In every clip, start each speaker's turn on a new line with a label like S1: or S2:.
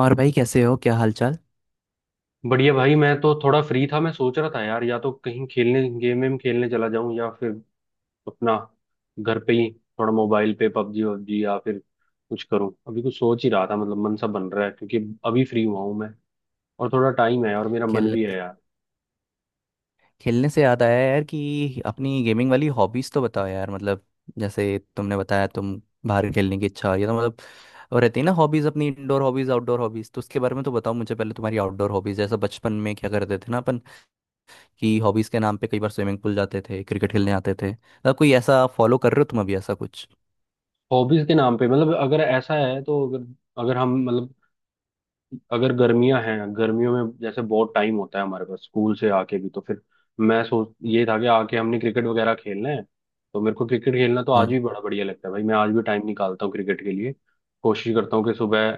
S1: और भाई कैसे हो क्या हालचाल।
S2: बढ़िया भाई। मैं तो थोड़ा फ्री था। मैं सोच रहा था यार या तो कहीं खेलने गेम वेम खेलने चला जाऊं या फिर अपना घर पे ही थोड़ा मोबाइल पे पबजी वबजी या फिर कुछ करूं। अभी कुछ सोच ही रहा था, मतलब मन सा बन रहा है क्योंकि अभी फ्री हुआ हूं मैं, और थोड़ा टाइम है और मेरा मन
S1: खेलने
S2: भी है यार।
S1: खेलने से याद आया यार कि अपनी गेमिंग वाली हॉबीज तो बताओ यार मतलब जैसे तुमने बताया तुम बाहर खेलने की इच्छा ये तो मतलब और रहती है ना। हॉबीज अपनी इंडोर हॉबीज आउटडोर हॉबीज तो उसके बारे में तो बताओ मुझे पहले तुम्हारी आउटडोर हॉबीज जैसे बचपन में क्या करते थे ना अपन कि हॉबीज के नाम पे कई बार स्विमिंग पूल जाते थे क्रिकेट खेलने आते थे मतलब कोई ऐसा फॉलो कर रहे हो तुम अभी ऐसा कुछ।
S2: हॉबीज के नाम पे मतलब अगर ऐसा है तो अगर अगर हम, मतलब अगर गर्मियां हैं, गर्मियों में जैसे बहुत टाइम होता है हमारे पास स्कूल से आके भी, तो फिर मैं सोच ये था कि आके हमने क्रिकेट वगैरह खेलना है। तो मेरे को क्रिकेट खेलना तो आज
S1: हम्म।
S2: भी बड़ा बढ़िया लगता है भाई। मैं आज भी टाइम निकालता हूँ क्रिकेट के लिए, कोशिश करता हूँ कि सुबह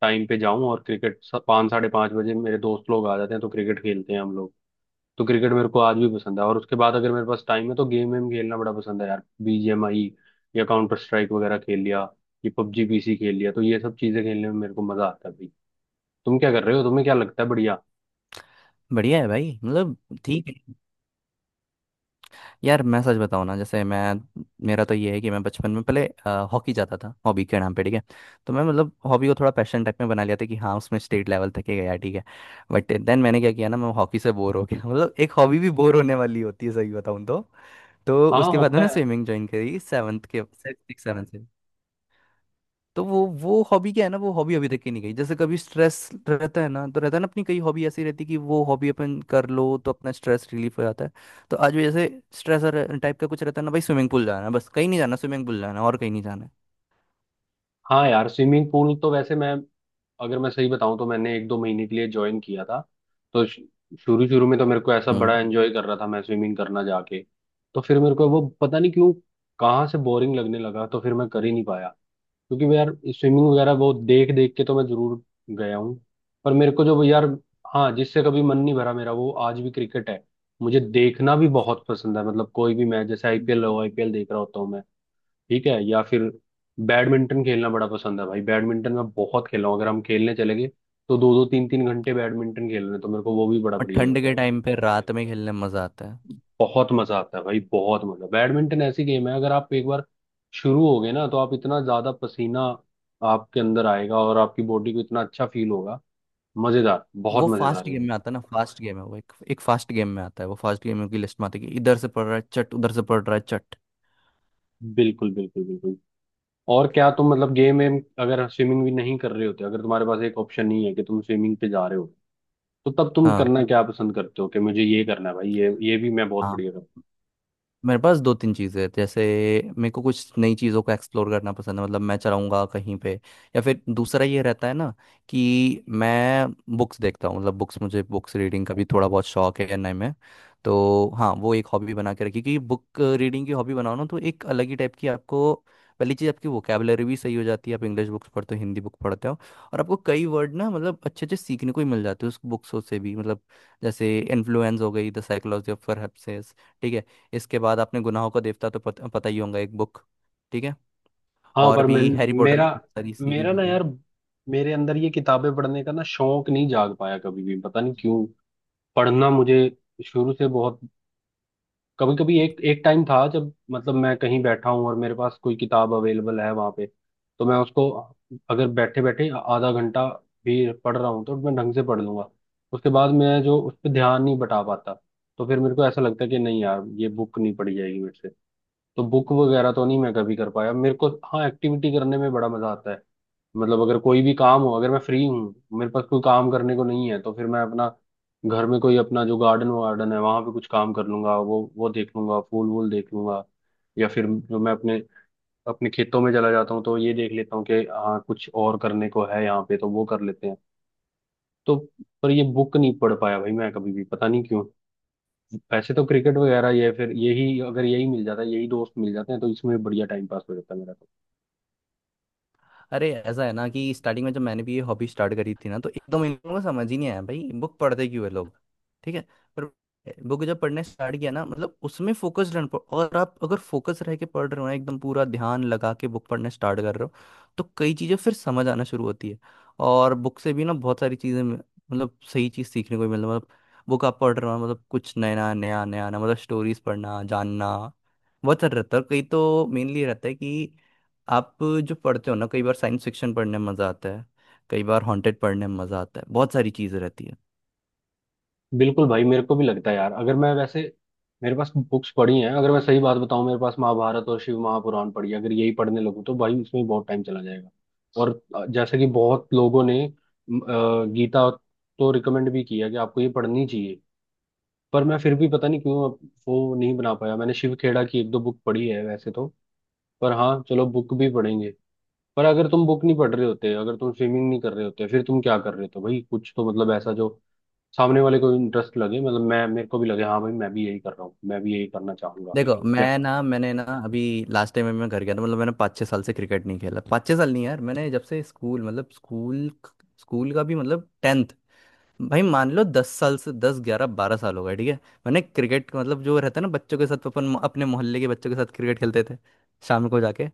S2: टाइम पे जाऊं और क्रिकेट पाँच साढ़े पाँच बजे मेरे दोस्त लोग आ जाते हैं तो क्रिकेट खेलते हैं हम लोग। तो क्रिकेट मेरे को आज भी पसंद है, और उसके बाद अगर मेरे पास टाइम है तो गेम वेम खेलना बड़ा पसंद है यार। बीजीएमआई या काउंटर स्ट्राइक वगैरह खेल लिया, ये पबजी पीसी खेल लिया, तो ये सब चीजें खेलने में मेरे को मजा आता है। तुम क्या कर रहे हो? तुम्हें क्या लगता है? बढ़िया।
S1: बढ़िया है भाई मतलब ठीक है। यार मैं सच बताऊँ ना जैसे मैं मेरा तो ये है कि मैं बचपन में पहले हॉकी जाता था हॉबी के नाम पे ठीक है। तो मैं मतलब हॉबी को थोड़ा पैशन टाइप में बना लिया था कि हाँ उसमें स्टेट लेवल तक ही गया ठीक है। बट देन मैंने क्या किया ना मैं हॉकी से बोर हो गया मतलब एक हॉबी भी बोर होने वाली होती है सही बताऊँ तो। तो
S2: हाँ
S1: उसके बाद
S2: होता
S1: मैंने
S2: है।
S1: स्विमिंग ज्वाइन करी 7th के 6-7 से। तो वो हॉबी क्या है ना वो हॉबी अभी तक की नहीं गई जैसे कभी स्ट्रेस रहता है ना तो रहता है ना अपनी कई हॉबी ऐसी रहती है कि वो हॉबी अपन कर लो तो अपना स्ट्रेस रिलीफ हो जाता है। तो आज भी जैसे स्ट्रेस टाइप का कुछ रहता है ना भाई स्विमिंग पूल जाना है बस कहीं नहीं जाना। स्विमिंग पूल जाना है और कहीं नहीं जाना है।
S2: हाँ यार, स्विमिंग पूल तो वैसे मैं, अगर मैं सही बताऊं तो मैंने एक दो महीने के लिए ज्वाइन किया था। तो शुरू शुरू में तो मेरे को ऐसा बड़ा
S1: हम्म।
S2: एंजॉय कर रहा था, मैं स्विमिंग करना जाके। तो फिर मेरे को वो पता नहीं क्यों कहाँ से बोरिंग लगने लगा, तो फिर मैं कर ही नहीं पाया। क्योंकि मैं यार स्विमिंग वगैरह वो देख देख के तो मैं जरूर गया हूँ, पर मेरे को जो यार, हाँ, जिससे कभी मन नहीं भरा मेरा वो आज भी क्रिकेट है। मुझे देखना भी बहुत पसंद है, मतलब कोई भी मैच, जैसे आईपीएल
S1: हम्म।
S2: हो, आईपीएल देख रहा होता हूँ मैं। ठीक है, या फिर बैडमिंटन खेलना बड़ा पसंद है भाई। बैडमिंटन मैं बहुत खेला हूँ, अगर हम खेलने चले गए तो दो दो तीन तीन घंटे बैडमिंटन खेल रहे हैं, तो मेरे को वो भी बड़ा
S1: और ये तो
S2: बढ़िया
S1: ठंड के
S2: लगता है।
S1: बहुत टाइम पे अच्छी रात में खेलने में मजा आता है।
S2: बहुत मजा आता है भाई, बहुत मजा। बैडमिंटन ऐसी गेम है, अगर आप एक बार शुरू हो गए ना तो आप इतना ज्यादा पसीना आपके अंदर आएगा और आपकी बॉडी को इतना अच्छा फील होगा। मजेदार, बहुत
S1: वो
S2: मजेदार
S1: फास्ट
S2: है।
S1: गेम में आता है ना फास्ट गेम है वो एक एक फास्ट गेम में आता है वो फास्ट गेम की लिस्ट में आता है कि इधर से पड़ रहा है चट उधर से पड़ रहा है चट।
S2: बिल्कुल बिल्कुल बिल्कुल। और क्या तुम, मतलब गेम वेम, अगर स्विमिंग भी नहीं कर रहे होते, अगर तुम्हारे पास एक ऑप्शन नहीं है कि तुम स्विमिंग पे जा रहे हो, तो तब तुम
S1: हाँ।
S2: करना क्या पसंद करते हो, कि मुझे ये करना है भाई, ये भी मैं बहुत बढ़िया करूँ।
S1: मेरे पास दो तीन चीज़ें हैं जैसे मेरे को कुछ नई चीज़ों को एक्सप्लोर करना पसंद है मतलब मैं चलाऊंगा कहीं पे। या फिर दूसरा ये रहता है ना कि मैं बुक्स देखता हूँ मतलब बुक्स मुझे बुक्स रीडिंग का भी थोड़ा बहुत शौक है एनआई में। तो हाँ वो एक हॉबी बना के रखी क्योंकि बुक रीडिंग की हॉबी बनाओ ना तो एक अलग ही टाइप की आपको पहली चीज़ आपकी वोकेबलरी भी सही हो जाती है। आप इंग्लिश बुक्स पढ़ते हो हिंदी बुक पढ़ते हो और आपको कई वर्ड ना मतलब अच्छे अच्छे सीखने को ही मिल जाते हैं उस बुक्सों से भी मतलब जैसे इन्फ्लुएंस हो गई द साइकोलॉजी ऑफ परहप्सेस। ठीक है। इसके बाद आपने गुनाहों का देवता तो पता ही होगा एक बुक। ठीक है।
S2: हाँ
S1: और
S2: पर मैं,
S1: भी हैरी पॉटर
S2: मेरा
S1: की बहुत सारी
S2: मेरा
S1: सीरीज हो
S2: ना
S1: गई।
S2: यार, मेरे अंदर ये किताबें पढ़ने का ना शौक नहीं जाग पाया कभी भी, पता नहीं क्यों। पढ़ना मुझे शुरू से बहुत, कभी कभी एक एक टाइम था जब, मतलब मैं कहीं बैठा हूँ और मेरे पास कोई किताब अवेलेबल है वहां पे, तो मैं उसको, अगर बैठे बैठे आधा घंटा भी पढ़ रहा हूँ तो मैं ढंग से पढ़ लूंगा। उसके बाद मैं जो उस पर ध्यान नहीं बटा पाता, तो फिर मेरे को ऐसा लगता है कि नहीं यार ये बुक नहीं पढ़ी जाएगी मेरे से। तो बुक वगैरह तो नहीं मैं कभी कर पाया। मेरे को हाँ एक्टिविटी करने में बड़ा मजा आता है, मतलब अगर कोई भी काम हो, अगर मैं फ्री हूँ, मेरे पास कोई काम करने को नहीं है तो फिर मैं अपना घर में कोई अपना जो गार्डन वार्डन है वहां पे कुछ काम कर लूंगा, वो देख लूंगा, फूल वूल देख लूंगा। या फिर जो मैं अपने अपने खेतों में चला जाता हूँ तो ये देख लेता हूँ कि हाँ कुछ और करने को है यहाँ पे, तो वो कर लेते हैं। तो पर ये बुक नहीं पढ़ पाया भाई मैं कभी भी, पता नहीं क्यों। वैसे तो क्रिकेट वगैरह, ये फिर यही, अगर यही मिल जाता है, यही दोस्त मिल जाते हैं तो इसमें बढ़िया टाइम पास हो जाता है मेरा तो।
S1: अरे ऐसा है ना कि स्टार्टिंग में जब मैंने भी ये हॉबी स्टार्ट करी थी ना तो एकदम इन लोगों को समझ ही नहीं आया भाई बुक पढ़ते क्यों है लोग। ठीक है। पर बुक जब पढ़ने स्टार्ट किया ना मतलब उसमें फोकस रहना और आप अगर फोकस रह के पढ़ रहे हो ना एकदम पूरा ध्यान लगा के बुक पढ़ने स्टार्ट कर रहे हो तो कई चीज़ें फिर समझ आना शुरू होती है। और बुक से भी ना बहुत सारी चीज़ें मतलब सही चीज़ सीखने को मिल मतलब बुक आप पढ़ रहे हो मतलब कुछ नया नया नया नया मतलब स्टोरीज पढ़ना जानना बहुत सारा रहता है और कई तो मेनली रहता है कि आप जो पढ़ते हो ना कई बार साइंस फिक्शन पढ़ने में मज़ा आता है। कई बार हॉन्टेड पढ़ने में मज़ा आता है बहुत सारी चीज़ें रहती है।
S2: बिल्कुल भाई, मेरे को भी लगता है यार, अगर मैं वैसे मेरे पास बुक्स पढ़ी हैं, अगर मैं सही बात बताऊं, मेरे पास महाभारत और शिव महापुराण पढ़ी है। अगर यही पढ़ने लगूं तो भाई उसमें बहुत टाइम चला जाएगा। और जैसे कि बहुत लोगों ने गीता तो रिकमेंड भी किया कि आपको ये पढ़नी चाहिए, पर मैं फिर भी पता नहीं क्यों वो नहीं बना पाया। मैंने शिव खेड़ा की एक दो बुक पढ़ी है वैसे तो। पर हाँ, चलो बुक भी पढ़ेंगे। पर अगर तुम बुक नहीं पढ़ रहे होते, अगर तुम स्विमिंग नहीं कर रहे होते, फिर तुम क्या कर रहे होते भाई? कुछ तो, मतलब ऐसा जो सामने वाले को इंटरेस्ट लगे, मतलब मैं, मेरे को भी लगे हाँ भाई मैं भी यही कर रहा हूँ, मैं भी यही करना चाहूंगा,
S1: देखो
S2: या।
S1: मैं ना मैंने ना अभी लास्ट टाइम मैं घर गया था मतलब मैंने 5-6 साल से क्रिकेट नहीं खेला। 5-6 साल नहीं यार मैंने जब से स्कूल मतलब स्कूल स्कूल का भी मतलब 10th भाई मान लो 10 साल से 10, 11, 12 साल हो गए ठीक है। मैंने क्रिकेट मतलब जो रहता है ना बच्चों के साथ अपन अपने मोहल्ले के बच्चों के साथ क्रिकेट खेलते थे शाम को जाके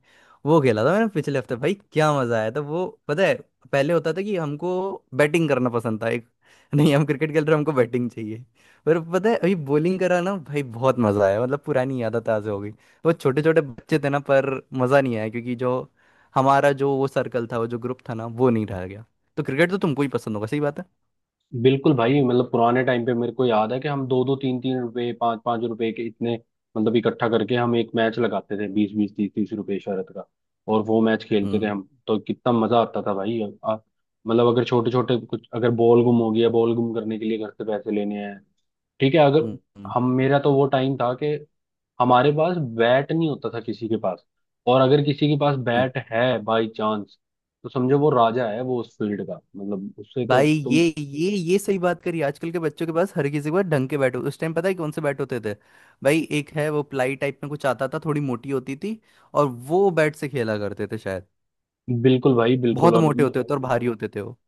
S1: वो खेला था मैंने पिछले हफ्ते भाई क्या मजा आया था वो पता है। पहले होता था कि हमको बैटिंग करना पसंद था एक। नहीं हम क्रिकेट खेल रहे हैं, हमको बैटिंग चाहिए। पर पता है अभी बॉलिंग करा ना भाई बहुत मजा आया मतलब पुरानी यादें ताज़ा हो गई। वो छोटे छोटे बच्चे थे ना पर मजा नहीं आया क्योंकि जो हमारा जो वो सर्कल था वो जो ग्रुप था ना वो नहीं रह गया। तो क्रिकेट तो तुमको ही पसंद होगा सही बात
S2: बिल्कुल भाई। मतलब पुराने टाइम पे मेरे को याद है कि हम दो दो तीन तीन रुपए, पाँच पाँच रुपए के इतने मतलब इकट्ठा करके हम एक मैच लगाते थे, बीस बीस तीस तीस रुपए शरत का। और वो मैच खेलते
S1: है।
S2: थे हम, तो कितना मजा आता था भाई। मतलब अगर छोटे छोटे कुछ, अगर बॉल गुम हो गया, बॉल गुम करने के लिए घर से पैसे लेने हैं, ठीक है। अगर
S1: हम्म, हम्म,
S2: हम, मेरा तो वो टाइम था कि हमारे पास बैट नहीं होता था किसी के पास, और अगर किसी के पास
S1: हम्म।
S2: बैट है बाई चांस, तो समझो वो राजा है वो उस फील्ड का। मतलब उससे तो
S1: भाई
S2: तुम।
S1: ये सही बात करी। आजकल के बच्चों के पास हर किसी के पास ढंग के बैट होते उस टाइम पता है कौन से बैट होते थे। भाई एक है वो प्लाई टाइप में कुछ आता था थोड़ी मोटी होती थी और वो बैट से खेला करते थे शायद।
S2: बिल्कुल भाई बिल्कुल।
S1: बहुत
S2: और
S1: मोटे होते थे और भारी होते थे वो।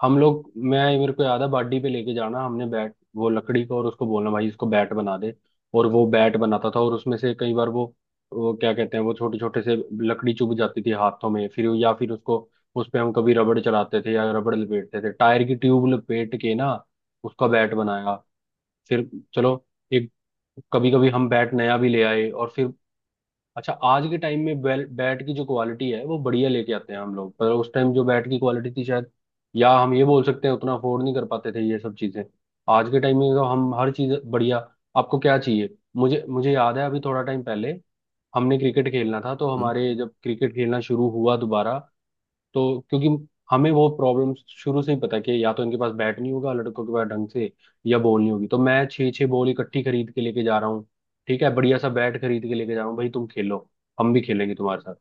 S2: हम लोग, मैं, मेरे को याद है बाडी पे लेके जाना हमने बैट, वो लकड़ी का, और उसको बोलना भाई इसको बैट बना दे, और वो बैट बनाता था, और उसमें से कई बार वो क्या कहते हैं वो छोटे छोटे से लकड़ी चुभ जाती थी हाथों में फिर, या फिर उसको, उस पे हम कभी रबड़ चलाते थे या रबड़ लपेटते थे, टायर की ट्यूब लपेट के ना उसका बैट बनाया। फिर चलो, एक, कभी कभी हम बैट नया भी ले आए। और फिर अच्छा, आज के टाइम में बैल बैट की जो क्वालिटी है वो बढ़िया लेके आते हैं हम लोग, पर उस टाइम जो बैट की क्वालिटी थी शायद, या हम ये बोल सकते हैं उतना अफोर्ड नहीं कर पाते थे ये सब चीजें। आज के टाइम में तो हम हर चीज बढ़िया, आपको क्या चाहिए। मुझे मुझे याद है अभी थोड़ा टाइम पहले हमने क्रिकेट खेलना था, तो
S1: हम्म।
S2: हमारे जब क्रिकेट खेलना शुरू हुआ दोबारा, तो क्योंकि हमें वो प्रॉब्लम शुरू से ही पता है कि या तो इनके पास बैट नहीं होगा लड़कों के पास ढंग से, या बॉल नहीं होगी, तो मैं छः छः बॉल इकट्ठी खरीद के लेके जा रहा हूँ। ठीक है, बढ़िया सा बैट खरीद के लेके जा रहा हूँ भाई, तुम खेलो, हम भी खेलेंगे तुम्हारे साथ।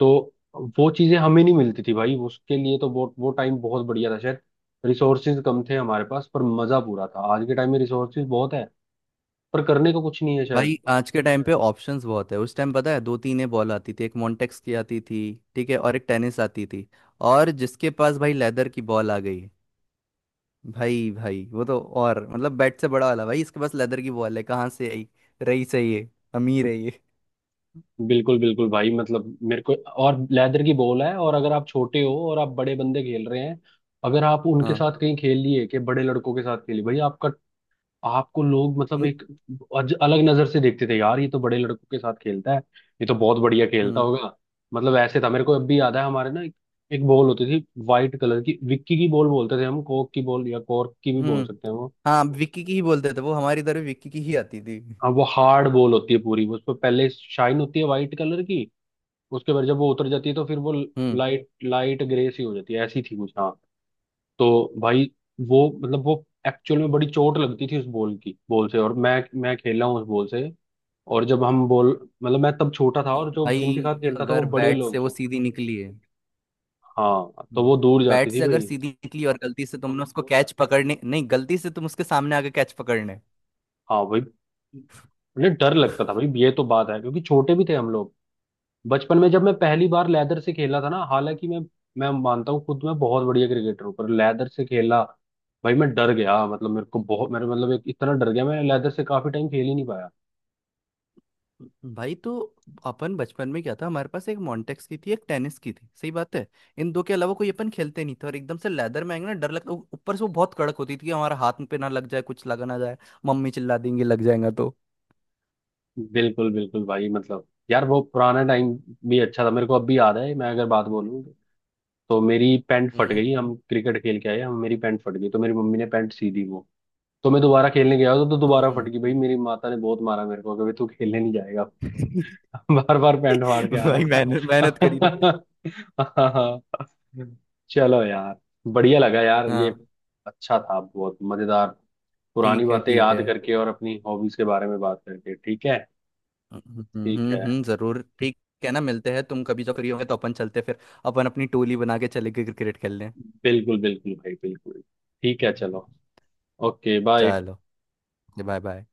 S2: तो वो चीजें हमें नहीं मिलती थी भाई उसके लिए, तो वो टाइम बहुत बढ़िया था शायद। रिसोर्सेज कम थे हमारे पास, पर मजा पूरा था। आज के टाइम में रिसोर्सेज बहुत है पर करने को कुछ नहीं है
S1: भाई
S2: शायद।
S1: आज के टाइम पे ऑप्शंस बहुत है उस टाइम पता है दो तीन ही बॉल आती थी एक मॉन्टेक्स की आती थी ठीक है और एक टेनिस आती थी और जिसके पास भाई लेदर की बॉल आ गई। भाई भाई वो तो और मतलब बैट से बड़ा वाला भाई इसके पास लेदर की बॉल है कहाँ से आई रही सही है ये, अमीर है ये।
S2: बिल्कुल बिल्कुल भाई, मतलब मेरे को, और लेदर की बॉल है, और अगर आप छोटे हो और आप बड़े बंदे खेल रहे हैं, अगर आप उनके
S1: हाँ।
S2: साथ कहीं खेल लिए, कि बड़े लड़कों के साथ खेली भाई आपका, आपको लोग मतलब
S1: हम्म
S2: एक अलग नजर से देखते थे यार, ये तो बड़े लड़कों के साथ खेलता है, ये तो बहुत बढ़िया खेलता
S1: हम्म
S2: होगा। मतलब ऐसे था, मेरे को अब भी याद है हमारे ना एक बॉल होती थी वाइट कलर की, विक्की की बॉल बोलते थे हम, कोक की बॉल या कॉर्क की भी बोल
S1: हम्म।
S2: सकते हैं वो।
S1: हाँ विक्की की ही बोलते थे वो हमारी तरफ विक्की की ही आती थी।
S2: हाँ वो हार्ड बॉल होती है पूरी, उस पर पहले शाइन होती है वाइट कलर की। उसके बाद जब वो उतर जाती है तो फिर वो
S1: हम्म।
S2: लाइट लाइट ग्रे सी हो जाती है, ऐसी थी कुछ हाँ। तो भाई वो मतलब वो एक्चुअल में बड़ी चोट लगती थी उस बॉल की, बॉल से, और मैं खेला हूँ उस बॉल से। और जब हम बॉल, मतलब मैं तब छोटा था और जो
S1: भाई
S2: जिनके साथ खेलता था वो
S1: अगर
S2: बड़े
S1: बैट से
S2: लोग
S1: वो
S2: थे।
S1: सीधी निकली है।
S2: हाँ तो
S1: हम्म।
S2: वो दूर जाती
S1: बैट
S2: थी
S1: से अगर
S2: भाई।
S1: सीधी निकली और गलती से तुमने उसको कैच पकड़ने नहीं गलती से तुम उसके सामने आके कैच पकड़ने।
S2: हाँ भाई, मतलब डर लगता था भाई, ये तो बात है क्योंकि छोटे भी थे हम लोग। बचपन में जब मैं पहली बार लेदर से खेला था ना, हालांकि मैं मानता हूँ खुद मैं बहुत बढ़िया क्रिकेटर हूँ, पर लेदर से खेला भाई मैं डर गया, मतलब मेरे को बहुत, मेरे मतलब एक इतना डर गया मैं लेदर से काफी टाइम खेल ही नहीं पाया।
S1: भाई तो अपन बचपन में क्या था हमारे पास एक मॉन्टेक्स की थी एक टेनिस की थी सही बात है। इन दो के अलावा कोई अपन खेलते नहीं थे और एकदम से लेदर में आएंगे ना डर लगता ऊपर से वो बहुत कड़क होती थी कि हमारा हाथ पे ना लग जाए कुछ लगा ना जाए। मम्मी चिल्ला देंगे लग जाएगा तो।
S2: बिल्कुल बिल्कुल भाई, मतलब यार वो पुराना टाइम भी अच्छा था। मेरे को अब भी याद है, मैं अगर बात बोलूँ तो मेरी पैंट फट
S1: हम्म,
S2: गई। हम क्रिकेट खेल के आए, हम मेरी पैंट फट गई तो मेरी मम्मी ने पैंट सी दी वो। तो मैं दोबारा खेलने गया तो दोबारा
S1: हम्म।
S2: फट गई। भाई मेरी माता ने बहुत मारा मेरे को, कभी तू खेलने नहीं जाएगा, बार बार पैंट फाड़ के आ
S1: भाई
S2: रहा है।
S1: मेहनत मेहनत करी ना।
S2: हाँ, हाँ। चलो यार, बढ़िया लगा यार ये,
S1: हाँ।
S2: अच्छा था, बहुत मजेदार। पुरानी
S1: ठीक है
S2: बातें
S1: ठीक
S2: याद
S1: है।
S2: करके और अपनी हॉबीज के बारे में बात करके, ठीक है। ठीक है।
S1: जरूर ठीक है ना मिलते हैं तुम कभी जब फ्री होगे तो अपन चलते हैं, फिर अपन अपनी टोली बना के चले गए क्रिकेट खेलने।
S2: बिल्कुल बिल्कुल भाई बिल्कुल। ठीक है,
S1: हम्म,
S2: चलो। Okay bye.
S1: चलो। Bye bye.